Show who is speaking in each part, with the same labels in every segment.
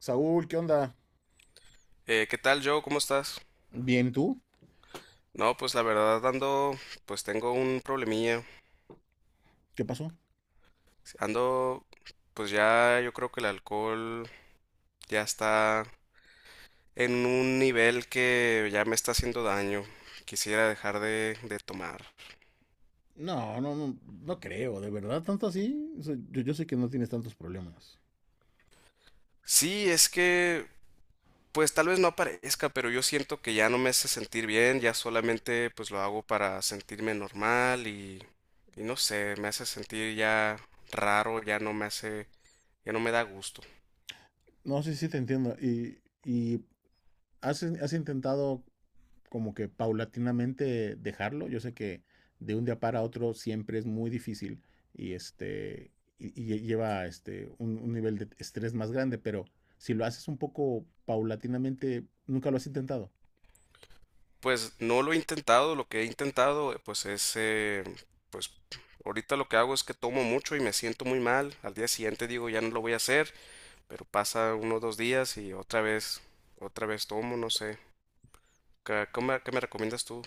Speaker 1: Saúl, ¿qué onda?
Speaker 2: ¿Qué tal, Joe? ¿Cómo estás?
Speaker 1: Bien, ¿tú?
Speaker 2: No, pues la verdad ando, pues tengo un problemilla.
Speaker 1: ¿Qué pasó?
Speaker 2: Ando, pues ya yo creo que el alcohol ya está en un nivel que ya me está haciendo daño. Quisiera dejar de tomar.
Speaker 1: No, no, no, no creo, de verdad, tanto así. O sea, yo sé que no tienes tantos problemas.
Speaker 2: Sí, es que, pues tal vez no aparezca, pero yo siento que ya no me hace sentir bien, ya solamente pues lo hago para sentirme normal y no sé, me hace sentir ya raro, ya no me hace, ya no me da gusto.
Speaker 1: No, sí, sí, te entiendo. ¿Y has intentado como que paulatinamente dejarlo? Yo sé que de un día para otro siempre es muy difícil y y lleva un nivel de estrés más grande, pero si lo haces un poco paulatinamente, nunca lo has intentado.
Speaker 2: Pues no lo he intentado, lo que he intentado pues es, pues ahorita lo que hago es que tomo mucho y me siento muy mal, al día siguiente digo ya no lo voy a hacer, pero pasa unos dos días y otra vez tomo, no sé, ¿qué, qué me recomiendas tú?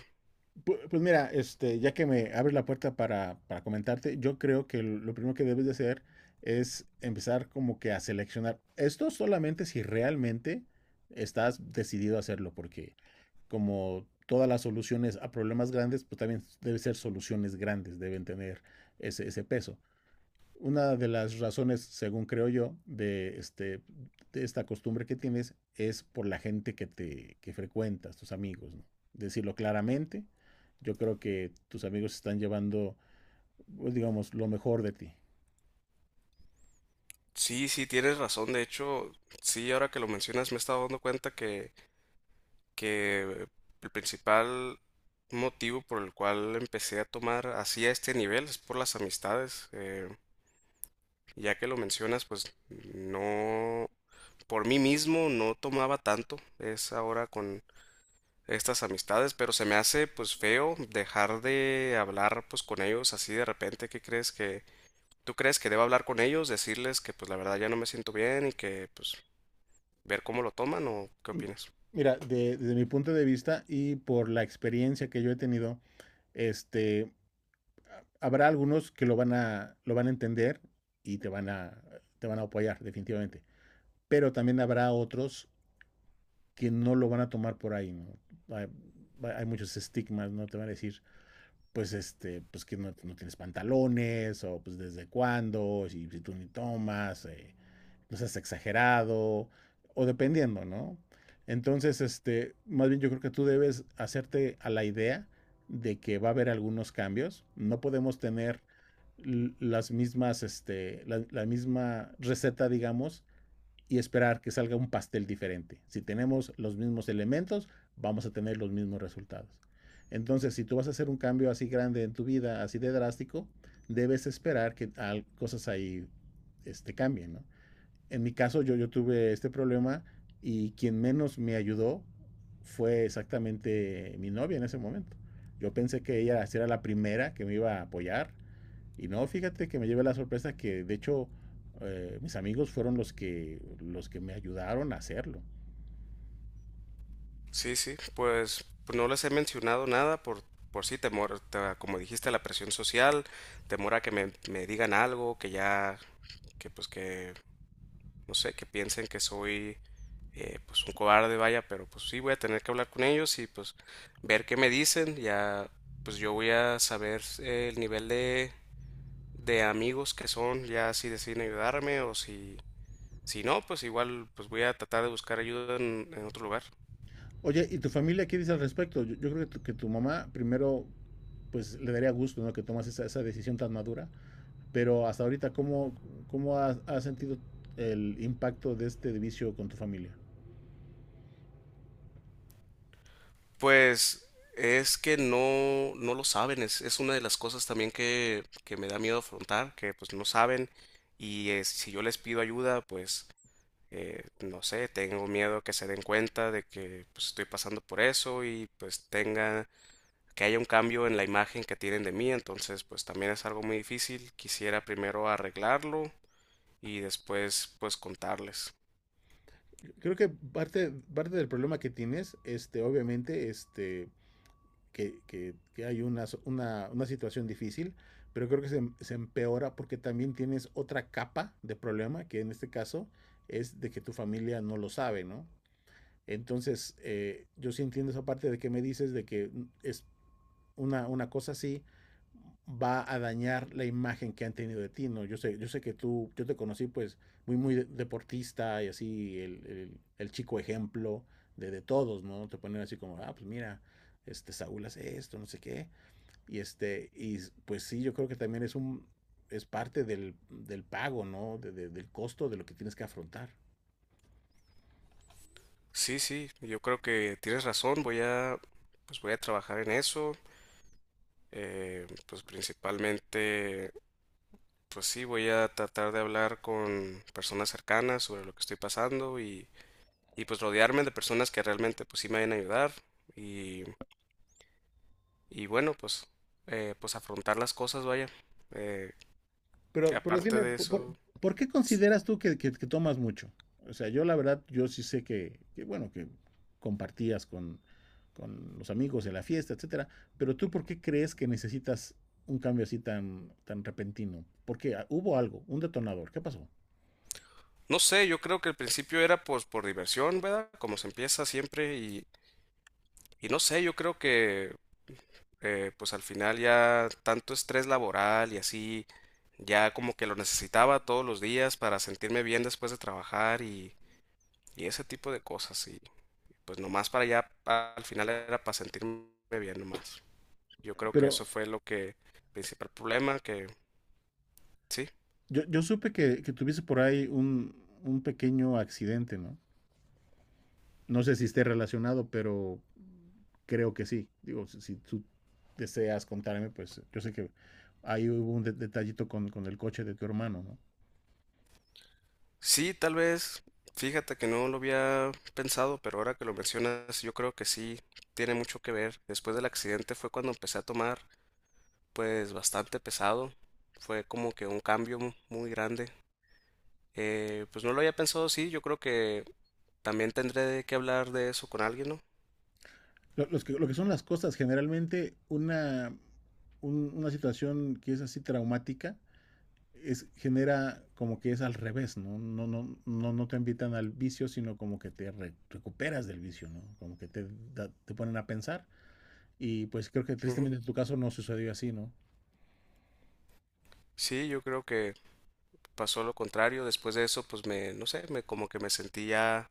Speaker 1: Pues mira, ya que me abres la puerta para comentarte, yo creo que lo primero que debes de hacer es empezar como que a seleccionar. Esto solamente si realmente estás decidido a hacerlo, porque como todas las soluciones a problemas grandes, pues también deben ser soluciones grandes, deben tener ese peso. Una de las razones, según creo yo, de esta costumbre que tienes es por la gente que te que frecuentas, tus amigos, ¿no? Decirlo claramente, yo creo que tus amigos están llevando, pues, digamos, lo mejor de ti.
Speaker 2: Sí, sí, tienes razón, de hecho, sí, ahora que lo mencionas me he estado dando cuenta que el principal motivo por el cual empecé a tomar así a este nivel es por las amistades. Ya que lo mencionas, pues no, por mí mismo no tomaba tanto, es ahora con estas amistades, pero se me hace pues feo dejar de hablar pues con ellos así de repente. ¿Qué crees que Tú crees que debo hablar con ellos, decirles que pues la verdad ya no me siento bien y que pues ver cómo lo toman o qué
Speaker 1: M-
Speaker 2: opinas?
Speaker 1: Mira, desde mi punto de vista y por la experiencia que yo he tenido, este, habrá algunos que lo van a entender y te van a apoyar, definitivamente. Pero también habrá otros que no lo van a tomar por ahí, ¿no? Hay, hay muchos estigmas, ¿no? Te van a decir, pues, pues que no, no tienes pantalones, o pues desde cuándo, si tú ni tomas, no seas exagerado, o dependiendo, ¿no? Entonces, más bien yo creo que tú debes hacerte a la idea de que va a haber algunos cambios. No podemos tener las mismas, la misma receta, digamos, y esperar que salga un pastel diferente. Si tenemos los mismos elementos, vamos a tener los mismos resultados. Entonces, si tú vas a hacer un cambio así grande en tu vida, así de drástico, debes esperar que cosas ahí cambien, ¿no? En mi caso, yo tuve este problema y quien menos me ayudó fue exactamente mi novia en ese momento. Yo pensé que ella sí era la primera que me iba a apoyar y no, fíjate que me llevé la sorpresa que de hecho mis amigos fueron los que me ayudaron a hacerlo.
Speaker 2: Sí, sí, pues, no les he mencionado nada por sí temor, como dijiste, la presión social, temor a que me digan algo, que ya que pues que no sé, que piensen que soy pues un cobarde, vaya, pero pues sí voy a tener que hablar con ellos y pues ver qué me dicen, ya pues yo voy a saber el nivel de amigos que son, ya si deciden ayudarme o si, si no, pues igual pues voy a tratar de buscar ayuda en otro lugar.
Speaker 1: Oye, ¿y tu familia qué dice al respecto? Yo creo que que tu mamá primero pues le daría gusto, ¿no?, que tomas esa decisión tan madura, pero hasta ahorita, ¿cómo, cómo has sentido el impacto de este vicio con tu familia?
Speaker 2: Pues es que no, no lo saben, es una de las cosas también que me da miedo afrontar, que pues no saben y si yo les pido ayuda, pues no sé, tengo miedo que se den cuenta de que pues, estoy pasando por eso y pues tenga que haya un cambio en la imagen que tienen de mí, entonces pues también es algo muy difícil. Quisiera primero arreglarlo y después pues contarles.
Speaker 1: Creo que parte del problema que tienes, obviamente, que hay una situación difícil, pero creo que se empeora porque también tienes otra capa de problema, que en este caso es de que tu familia no lo sabe, ¿no? Entonces, yo sí entiendo esa parte de que me dices de que es una cosa así va a dañar la imagen que han tenido de ti, ¿no? Yo sé que tú, yo te conocí pues muy deportista y así el chico ejemplo de todos, ¿no? Te ponen así como, ah, pues mira, este Saúl hace esto, no sé qué, y pues sí, yo creo que también es es parte del pago, ¿no? Del costo de lo que tienes que afrontar.
Speaker 2: Sí, sí, yo creo que tienes razón, voy a pues voy a trabajar en eso. Pues principalmente pues sí, voy a tratar de hablar con personas cercanas sobre lo que estoy pasando y pues rodearme de personas que realmente pues sí me vayan a ayudar y, y bueno, pues, pues afrontar las cosas, vaya. Eh,
Speaker 1: Pero
Speaker 2: Aparte
Speaker 1: dime,
Speaker 2: de eso,
Speaker 1: ¿por qué consideras tú que, que tomas mucho? O sea, yo la verdad, yo sí sé que, bueno, que compartías con los amigos de la fiesta, etcétera, pero tú, ¿por qué crees que necesitas un cambio así tan repentino? Porque ah, hubo algo, un detonador, ¿qué pasó?
Speaker 2: no sé, yo creo que al principio era pues por diversión, ¿verdad? Como se empieza siempre y no sé, yo creo que pues al final ya tanto estrés laboral y así, ya como que lo necesitaba todos los días para sentirme bien después de trabajar y ese tipo de cosas y pues nomás para allá al final era para sentirme bien nomás. Yo creo que
Speaker 1: Pero
Speaker 2: eso fue lo que, principal problema, que sí,
Speaker 1: yo supe que tuviste por ahí un pequeño accidente, ¿no? No sé si esté relacionado, pero creo que sí. Digo, si tú deseas contarme, pues yo sé que ahí hubo un de detallito el coche de tu hermano, ¿no?
Speaker 2: sí, tal vez, fíjate que no lo había pensado, pero ahora que lo mencionas, yo creo que sí, tiene mucho que ver. Después del accidente fue cuando empecé a tomar, pues, bastante pesado. Fue como que un cambio muy grande. Pues no lo había pensado, sí, yo creo que también tendré que hablar de eso con alguien, ¿no?
Speaker 1: Lo que son las cosas, generalmente una situación que es así traumática es, genera como que es al revés, ¿no? No, no, no, no te invitan al vicio, sino como que te re recuperas del vicio, ¿no? Como que te, da, te ponen a pensar. Y pues creo que
Speaker 2: Ujú.
Speaker 1: tristemente en tu caso no sucedió así, ¿no?
Speaker 2: Sí, yo creo que pasó lo contrario. Después de eso, pues me, no sé, me como que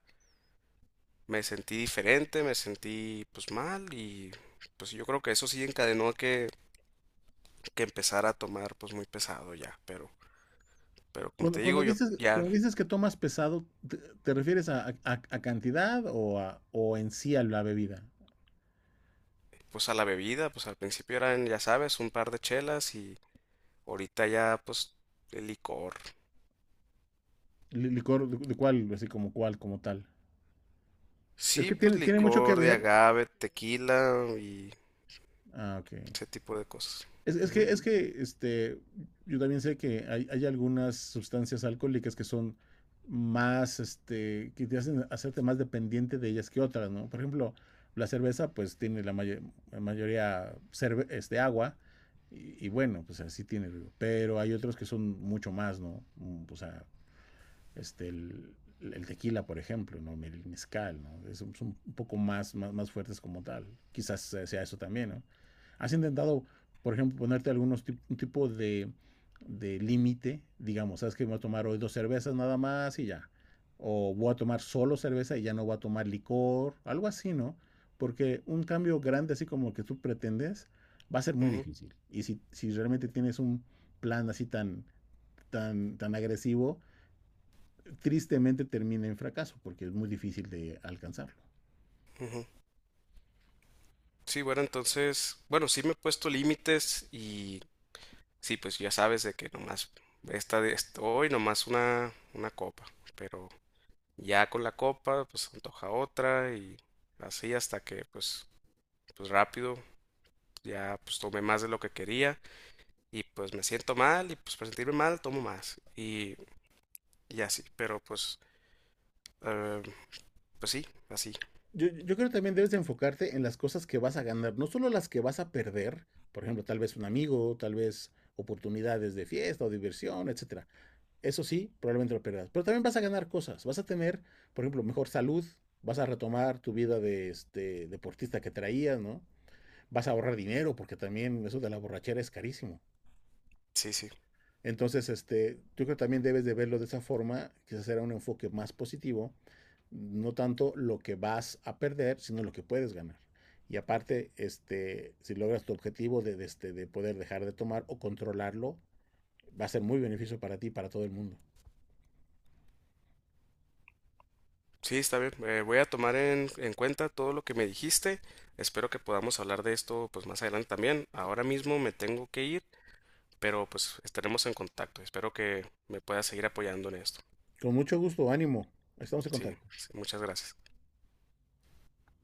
Speaker 2: me sentí diferente, me sentí pues mal y pues yo creo que eso sí encadenó a que empezara a tomar pues muy pesado ya, pero como
Speaker 1: Cuando,
Speaker 2: te
Speaker 1: cuando
Speaker 2: digo, yo
Speaker 1: dices,
Speaker 2: ya
Speaker 1: cuando dices que tomas pesado, ¿te refieres a, a cantidad o, a, o en sí a la bebida?
Speaker 2: pues a la bebida, pues al principio eran, ya sabes, un par de chelas y ahorita ya pues el licor.
Speaker 1: ¿Licor de cuál? Así como cuál, como tal. Es
Speaker 2: Sí,
Speaker 1: que
Speaker 2: pues
Speaker 1: tiene mucho que
Speaker 2: licor de
Speaker 1: ver.
Speaker 2: agave, tequila y
Speaker 1: Ah, ok.
Speaker 2: ese tipo de cosas. Ujú,
Speaker 1: Es que yo también sé que hay algunas sustancias alcohólicas que son más, que te hacen hacerte más dependiente de ellas que otras, ¿no? Por ejemplo, la cerveza, pues tiene la, la mayoría agua, y bueno, pues así tiene, pero hay otros que son mucho más, ¿no? O sea, este, el, el tequila, por ejemplo, ¿no?, el mezcal, ¿no? Es, son un poco más fuertes como tal. Quizás sea eso también, ¿no? ¿Has intentado, por ejemplo, ponerte algunos tip un tipo de límite? Digamos, ¿sabes que voy a tomar hoy dos cervezas nada más y ya? O voy a tomar solo cerveza y ya no voy a tomar licor, algo así, ¿no? Porque un cambio grande así como el que tú pretendes va a ser muy
Speaker 2: ujú,
Speaker 1: difícil. Y si realmente tienes un plan así tan agresivo, tristemente termina en fracaso porque es muy difícil de alcanzarlo.
Speaker 2: ujú. Sí, bueno, entonces, bueno, sí me he puesto límites y sí, pues ya sabes de que nomás hoy nomás una copa, pero ya con la copa pues se antoja otra y así hasta que pues pues rápido ya pues tomé más de lo que quería y pues me siento mal y pues para sentirme mal tomo más y así, pero pues eh, pues sí, así.
Speaker 1: Yo creo que también debes de enfocarte en las cosas que vas a ganar, no solo las que vas a perder, por ejemplo, tal vez un amigo, tal vez oportunidades de fiesta o diversión, etcétera. Eso sí, probablemente lo perderás, pero también vas a ganar cosas, vas a tener, por ejemplo, mejor salud, vas a retomar tu vida de este deportista que traías, ¿no? Vas a ahorrar dinero porque también eso de la borrachera es carísimo.
Speaker 2: Sí, sí.
Speaker 1: Entonces, yo creo que también debes de verlo de esa forma, quizás será un enfoque más positivo, no tanto lo que vas a perder, sino lo que puedes ganar. Y aparte, si logras tu objetivo de poder dejar de tomar o controlarlo, va a ser muy beneficio para ti y para todo el mundo.
Speaker 2: Sí, está bien. Voy a tomar en cuenta todo lo que me dijiste. Espero que podamos hablar de esto pues más adelante también. Ahora mismo me tengo que ir. Pero pues estaremos en contacto. Espero que me puedas seguir apoyando en esto.
Speaker 1: Con mucho gusto, ánimo. Estamos en
Speaker 2: Sí,
Speaker 1: contacto.
Speaker 2: sí, muchas gracias.